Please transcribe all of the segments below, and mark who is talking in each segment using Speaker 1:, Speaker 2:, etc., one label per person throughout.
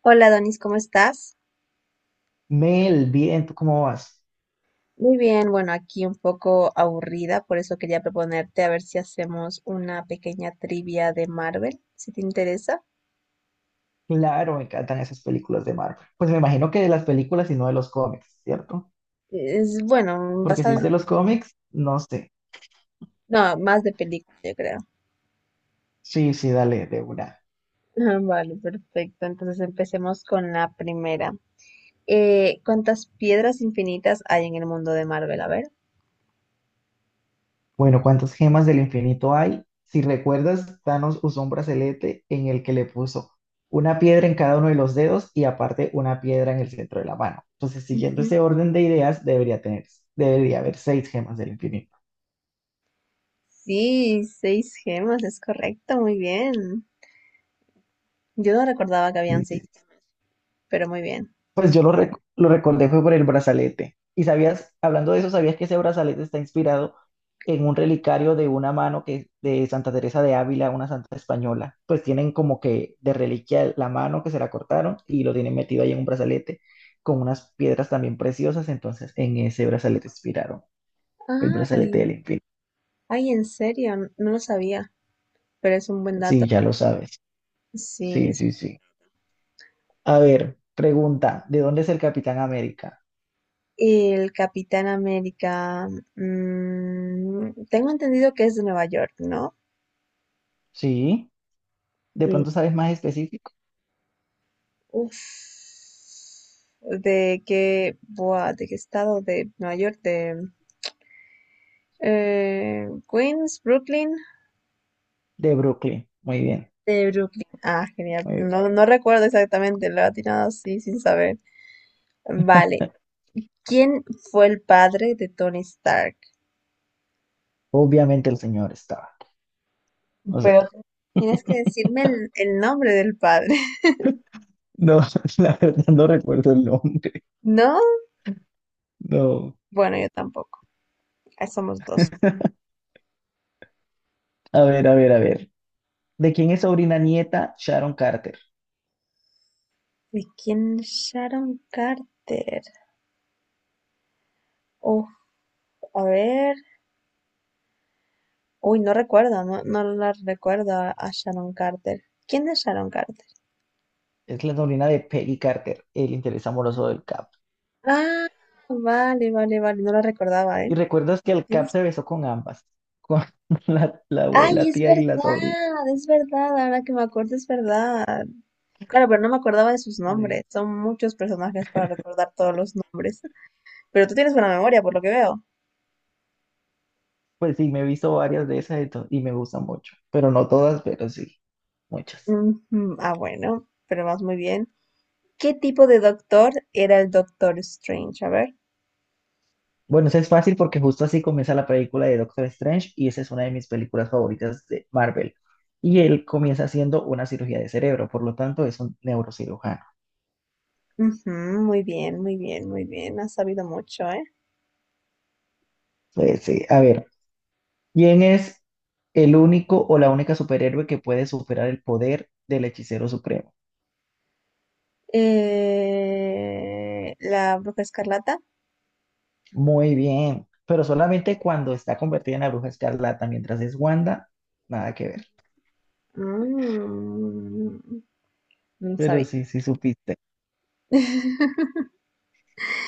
Speaker 1: Hola Donis, ¿cómo estás?
Speaker 2: Mel, bien, ¿tú cómo vas?
Speaker 1: Muy bien, bueno, aquí un poco aburrida, por eso quería proponerte a ver si hacemos una pequeña trivia de Marvel, si te interesa.
Speaker 2: Claro, me encantan esas películas de Marvel. Pues me imagino que de las películas y no de los cómics, ¿cierto?
Speaker 1: Es bueno,
Speaker 2: Porque si
Speaker 1: basado
Speaker 2: es
Speaker 1: en...
Speaker 2: de los cómics, no sé.
Speaker 1: No, más de película, yo creo.
Speaker 2: Sí, sí, dale, de una.
Speaker 1: Vale, perfecto. Entonces empecemos con la primera. ¿Cuántas piedras infinitas hay en el mundo de Marvel? A ver.
Speaker 2: Bueno, ¿cuántas gemas del infinito hay? Si recuerdas, Thanos usó un brazalete en el que le puso una piedra en cada uno de los dedos y aparte una piedra en el centro de la mano. Entonces, siguiendo
Speaker 1: Ujú.
Speaker 2: ese orden de ideas, debería tener, debería haber seis gemas del infinito.
Speaker 1: Sí, seis gemas, es correcto, muy bien. Yo no recordaba que habían
Speaker 2: Sí,
Speaker 1: seis,
Speaker 2: sí,
Speaker 1: pero muy bien.
Speaker 2: pues yo lo recordé fue por el brazalete. Y sabías, hablando de eso, sabías que ese brazalete está inspirado en un relicario de una mano que de Santa Teresa de Ávila, una santa española. Pues tienen como que de reliquia la mano que se la cortaron y lo tienen metido ahí en un brazalete con unas piedras también preciosas. Entonces, en ese brazalete inspiraron el brazalete
Speaker 1: Ay,
Speaker 2: del infinito.
Speaker 1: Ay, en serio, no lo sabía, pero es un buen dato.
Speaker 2: Sí, ya lo sabes.
Speaker 1: Sí,
Speaker 2: Sí,
Speaker 1: es-
Speaker 2: sí, sí. A ver, pregunta, ¿de dónde es el Capitán América?
Speaker 1: el Capitán América. Mm, tengo entendido que es de Nueva York, ¿no?
Speaker 2: Sí, de
Speaker 1: Y,
Speaker 2: pronto sabes más específico.
Speaker 1: uff, ¿de qué, de qué estado de Nueva York, de Queens, Brooklyn,
Speaker 2: De Brooklyn. Muy bien.
Speaker 1: de Brooklyn. Ah, genial.
Speaker 2: Muy bien.
Speaker 1: No, no recuerdo exactamente, lo he atinado así sin saber. Vale. ¿Quién fue el padre de Tony Stark?
Speaker 2: Obviamente el señor estaba. O sea,
Speaker 1: Pero tienes que decirme el nombre del padre.
Speaker 2: no, la verdad no recuerdo el nombre.
Speaker 1: ¿No?
Speaker 2: No.
Speaker 1: Bueno, yo tampoco. Ahí somos dos.
Speaker 2: A ver, a ver, a ver. ¿De quién es sobrina nieta Sharon Carter?
Speaker 1: ¿De quién es Sharon Carter? Uf, a ver. Uy, no recuerdo, no, no la recuerdo a Sharon Carter. ¿Quién es Sharon Carter?
Speaker 2: Es la sobrina de Peggy Carter, el interés amoroso del Cap.
Speaker 1: Ah, vale, vale, vale. No la recordaba,
Speaker 2: Y
Speaker 1: ¿eh?
Speaker 2: recuerdas que el Cap
Speaker 1: Tienes-
Speaker 2: se besó con ambas, con la
Speaker 1: Ay,
Speaker 2: abuela,
Speaker 1: es
Speaker 2: tía y la sobrina.
Speaker 1: verdad, es verdad. Ahora que me acuerdo, es verdad. Claro, pero no me acordaba de sus nombres.
Speaker 2: Sí.
Speaker 1: Son muchos personajes para recordar todos los nombres. Pero tú tienes buena memoria, por lo que veo.
Speaker 2: Pues sí, me he visto varias de esas y me gustan mucho. Pero no todas, pero sí, muchas.
Speaker 1: Ujú, ah, bueno, pero vas muy bien. ¿Qué tipo de doctor era el Doctor Strange? A ver.
Speaker 2: Bueno, eso es fácil porque justo así comienza la película de Doctor Strange y esa es una de mis películas favoritas de Marvel. Y él comienza haciendo una cirugía de cerebro, por lo tanto es un neurocirujano.
Speaker 1: Ujú, muy bien, muy bien, muy bien. Has sabido mucho, ¿eh?
Speaker 2: Pues, sí, a ver, ¿quién es el único o la única superhéroe que puede superar el poder del hechicero supremo?
Speaker 1: La Bruja Escarlata.
Speaker 2: Muy bien, pero solamente cuando está convertida en la bruja escarlata, mientras es Wanda, nada que ver.
Speaker 1: Mm, no
Speaker 2: Pero
Speaker 1: sabía.
Speaker 2: sí, sí supiste.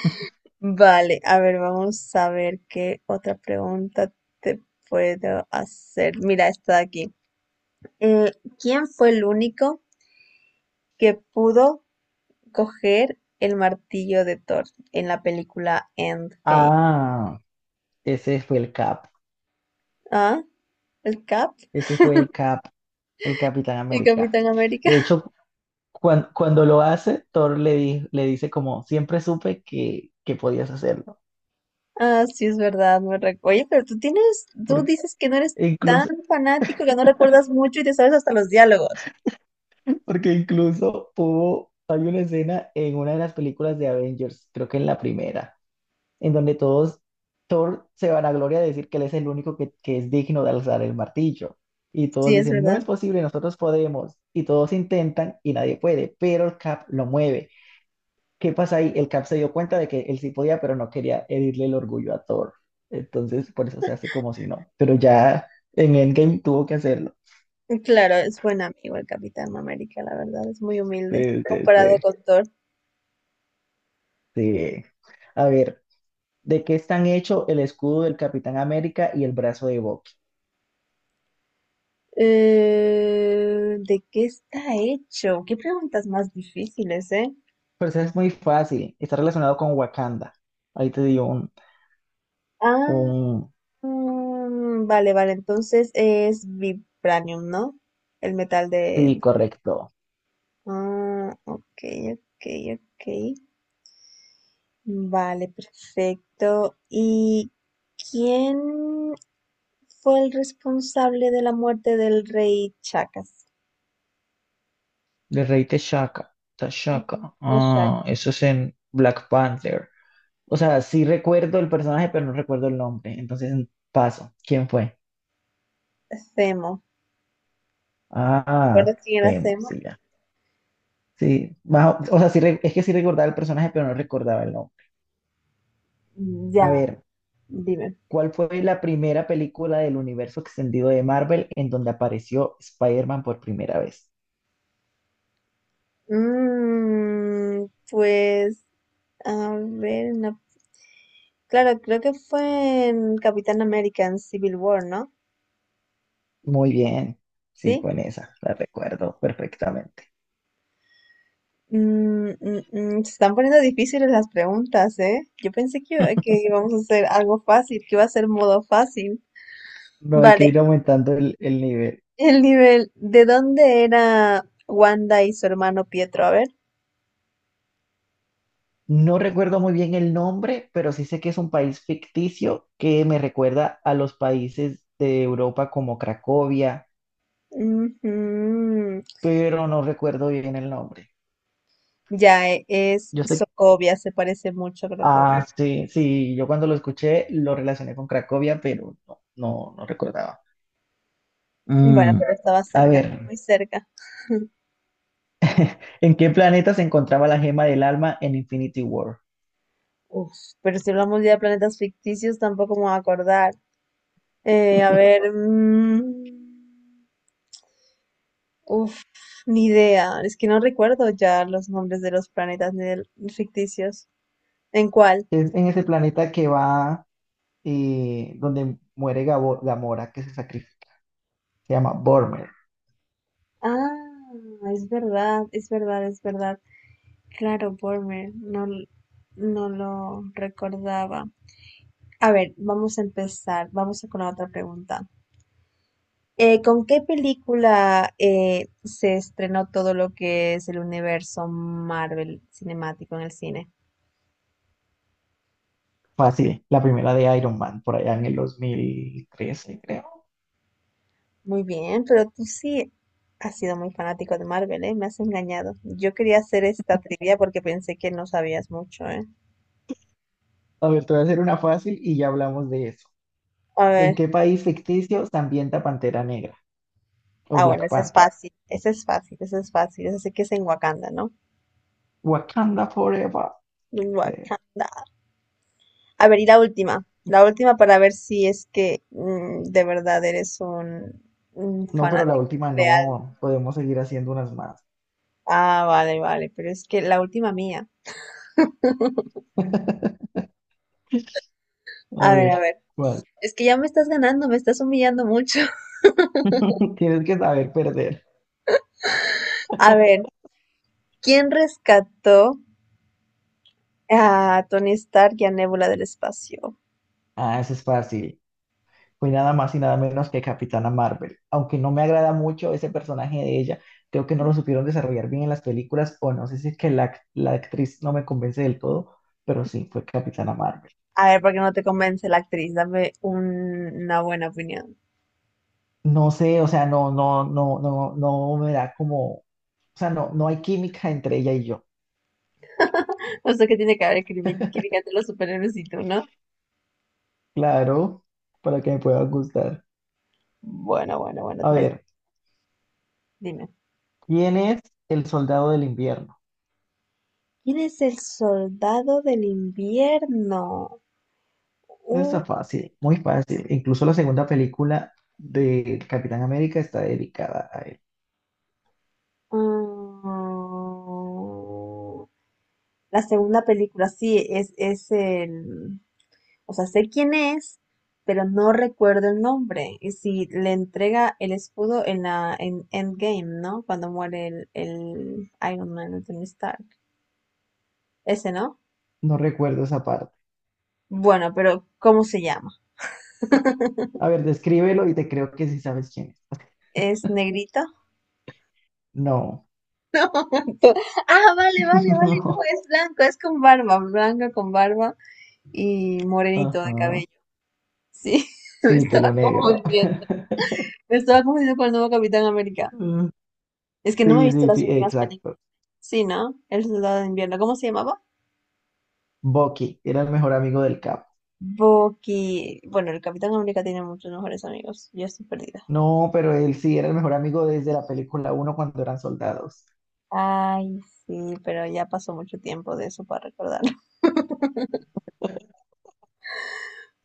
Speaker 1: Vale, a ver, vamos a ver qué otra pregunta te puedo hacer. Mira, está aquí. Eh, ¿Quién fue el único que pudo coger el martillo de Thor en la película Endgame?
Speaker 2: Ah, ese fue el Cap.
Speaker 1: ¿Ah? ¿El Cap?
Speaker 2: Ese fue el Cap, el Capitán
Speaker 1: ¿El
Speaker 2: América.
Speaker 1: Capitán América?
Speaker 2: De hecho, cuando lo hace, Thor le dice como, siempre supe que podías hacerlo.
Speaker 1: Ah, sí, es verdad. Oye, pero tú tienes, tú
Speaker 2: Porque
Speaker 1: dices que no eres tan
Speaker 2: incluso,
Speaker 1: fanático, que no recuerdas mucho y te sabes hasta los diálogos.
Speaker 2: porque incluso, hay una escena en una de las películas de Avengers, creo que en la primera, en donde todos, Thor se vanagloria de decir que él es el único que es digno de alzar el martillo. Y todos
Speaker 1: Sí, es
Speaker 2: dicen, no
Speaker 1: verdad.
Speaker 2: es posible, nosotros podemos. Y todos intentan y nadie puede, pero el Cap lo mueve. ¿Qué pasa ahí? El Cap se dio cuenta de que él sí podía, pero no quería herirle el orgullo a Thor. Entonces, por eso se hace como si no. Pero ya en Endgame tuvo que hacerlo.
Speaker 1: Claro, es buen amigo el Capitán América, la verdad, es muy humilde
Speaker 2: Sí, sí, sí,
Speaker 1: comparado con Thor.
Speaker 2: sí. A ver, ¿de qué están hechos el escudo del Capitán América y el brazo de Bucky?
Speaker 1: ¿De qué está hecho? ¿Qué preguntas más difíciles, eh?
Speaker 2: Pero eso es muy fácil. Está relacionado con Wakanda. Ahí te dio un,
Speaker 1: Ah,
Speaker 2: un.
Speaker 1: mm, vale, vale, entonces es vibranium, ¿no? El metal
Speaker 2: Sí,
Speaker 1: de...
Speaker 2: correcto.
Speaker 1: Ah, ok, ok, ok. Vale, perfecto. ¿Y quién fue el responsable de la muerte del rey Chacas?
Speaker 2: De Rey T'Chaka.
Speaker 1: Ujú,
Speaker 2: T'Chaka.
Speaker 1: de
Speaker 2: Ah, eso es en Black Panther. O sea, sí recuerdo el personaje, pero no recuerdo el nombre. Entonces, paso. ¿Quién fue?
Speaker 1: Zemo.
Speaker 2: Ah,
Speaker 1: ¿Recuerdas quién era
Speaker 2: Temo,
Speaker 1: Zemo?
Speaker 2: sí, ya. Sí, más o sea, sí, es que sí recordaba el personaje, pero no recordaba el nombre.
Speaker 1: Ya,
Speaker 2: A ver,
Speaker 1: dime.
Speaker 2: ¿cuál fue la primera película del universo extendido de Marvel en donde apareció Spider-Man por primera vez?
Speaker 1: Mm, pues, a ver, una claro, creo que fue en Capitán American Civil War, ¿no?
Speaker 2: Muy bien. Sí,
Speaker 1: Sí.
Speaker 2: fue en esa. La recuerdo perfectamente.
Speaker 1: Mm, mm, mm, se están poniendo difíciles las preguntas, ¿eh? Yo pensé que, que íbamos a hacer algo fácil, que iba a ser modo fácil.
Speaker 2: No, hay que
Speaker 1: Vale,
Speaker 2: ir aumentando el nivel.
Speaker 1: el nivel, ¿de dónde era Wanda y su hermano Pietro? A ver.
Speaker 2: No recuerdo muy bien el nombre, pero sí sé que es un país ficticio que me recuerda a los países de Europa como Cracovia,
Speaker 1: Ujú,
Speaker 2: pero no recuerdo bien el nombre.
Speaker 1: Ya es
Speaker 2: Yo sé,
Speaker 1: Sokovia, se parece mucho a
Speaker 2: ah,
Speaker 1: Cracovia.
Speaker 2: sí, sí, yo cuando lo escuché lo relacioné con Cracovia, pero no, no, no recordaba.
Speaker 1: Bueno,
Speaker 2: Mm,
Speaker 1: pero estaba
Speaker 2: A
Speaker 1: cerca,
Speaker 2: ver,
Speaker 1: muy cerca.
Speaker 2: ¿en qué planeta se encontraba la gema del alma en Infinity War?
Speaker 1: Uf, pero si hablamos ya de planetas ficticios, tampoco me voy a acordar. A ver, mm, uf, ni idea. Es que no recuerdo ya los nombres de los planetas ni de los ficticios. ¿En cuál?
Speaker 2: Es en ese planeta que va, donde muere Gamora, que se sacrifica, se llama Bormer.
Speaker 1: Ah, es verdad, es verdad, es verdad. Claro, Bormer, no, no lo recordaba. A ver, vamos a empezar. Vamos con la otra pregunta. ¿Con qué película se estrenó todo lo que es el universo Marvel cinemático en el cine?
Speaker 2: Fácil, la primera de Iron Man, por allá en el 2013 creo.
Speaker 1: Muy bien, pero tú sí has sido muy fanático de Marvel, ¿eh? Me has engañado. Yo quería hacer esta trivia porque pensé que no sabías mucho, ¿eh?
Speaker 2: A ver, te voy a hacer una fácil y ya hablamos de eso.
Speaker 1: A
Speaker 2: ¿En
Speaker 1: ver,
Speaker 2: qué país ficticio se ambienta Pantera Negra o
Speaker 1: ah, bueno,
Speaker 2: Black
Speaker 1: ese es
Speaker 2: Panther?
Speaker 1: fácil, ese es fácil, ese es fácil, ese sí que es en Wakanda, ¿no?
Speaker 2: Wakanda Forever.
Speaker 1: En
Speaker 2: Sí.
Speaker 1: Wakanda. A ver, y la última para ver si es que mm, de verdad eres un
Speaker 2: No, pero la
Speaker 1: fanático
Speaker 2: última
Speaker 1: leal.
Speaker 2: no. Podemos seguir haciendo unas más.
Speaker 1: Ah, vale, vale, pero es que la última mía.
Speaker 2: A
Speaker 1: A
Speaker 2: ver,
Speaker 1: ver,
Speaker 2: ¿cuál?
Speaker 1: es que ya me estás ganando, me estás humillando mucho.
Speaker 2: Tienes que saber perder.
Speaker 1: A ver. ¿Quién rescató a Tony Stark y a Nebula del espacio?
Speaker 2: Ah, eso es fácil. Fue nada más y nada menos que Capitana Marvel. Aunque no me agrada mucho ese personaje de ella, creo que no lo supieron desarrollar bien en las películas, o no sé si es que la actriz no me convence del todo, pero sí, fue Capitana Marvel.
Speaker 1: A ver, ¿por qué no te convence la actriz? Dame una buena opinión.
Speaker 2: No sé, o sea, no, no, no, no, no me da como, o sea, no, no hay química entre ella y yo.
Speaker 1: No sé qué tiene que ver crítica de los superhéroes y tú, ¿no?
Speaker 2: Claro, para que me pueda gustar.
Speaker 1: Bueno, bueno, bueno,
Speaker 2: A
Speaker 1: tienes...
Speaker 2: ver,
Speaker 1: Dime.
Speaker 2: ¿quién es el soldado del invierno?
Speaker 1: ¿Quién es el soldado del invierno?
Speaker 2: Eso
Speaker 1: Uh,
Speaker 2: está fácil, muy fácil. Incluso la segunda película de Capitán América está dedicada a él.
Speaker 1: mm, la segunda película, sí, es el... O sea, sé quién es, pero no recuerdo el nombre. Y si le entrega el escudo en la en Endgame, ¿no? Cuando muere el Iron Man, el Tony Stark. Ese, ¿no?
Speaker 2: No recuerdo esa parte.
Speaker 1: Bueno, pero ¿cómo se llama?
Speaker 2: A ver, descríbelo y te creo que sí sabes quién es.
Speaker 1: ¿Es negrito?
Speaker 2: No,
Speaker 1: Ah, vale, vale, vale. No,
Speaker 2: no.
Speaker 1: es blanco, es con barba, blanco con barba y morenito de
Speaker 2: Ajá.
Speaker 1: cabello. Sí, me
Speaker 2: Sí,
Speaker 1: estaba
Speaker 2: pelo negro.
Speaker 1: confundiendo. Me estaba confundiendo con el nuevo Capitán América.
Speaker 2: Mm.
Speaker 1: Es que no me he
Speaker 2: Sí,
Speaker 1: visto
Speaker 2: sí,
Speaker 1: las
Speaker 2: sí,
Speaker 1: últimas películas.
Speaker 2: exacto.
Speaker 1: Sí, ¿no? El Soldado de Invierno. ¿Cómo se llamaba?
Speaker 2: Bucky era el mejor amigo del Cap.
Speaker 1: Bucky, bueno, el Capitán América tiene muchos mejores amigos. Yo estoy perdida.
Speaker 2: No, pero él sí era el mejor amigo desde la película 1 cuando eran soldados.
Speaker 1: Ay, sí, pero ya pasó mucho tiempo de eso para recordarlo.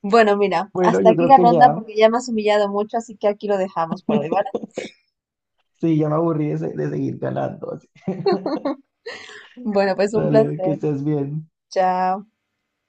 Speaker 1: Bueno, mira,
Speaker 2: Bueno,
Speaker 1: hasta
Speaker 2: yo
Speaker 1: aquí
Speaker 2: creo
Speaker 1: la
Speaker 2: que
Speaker 1: ronda
Speaker 2: ya,
Speaker 1: porque ya me has humillado mucho, así que aquí lo dejamos por hoy, ¿vale?
Speaker 2: sí, ya me aburrí de, de seguir ganando así.
Speaker 1: Bueno, pues un
Speaker 2: Dale, que
Speaker 1: placer.
Speaker 2: estés bien.
Speaker 1: Chao.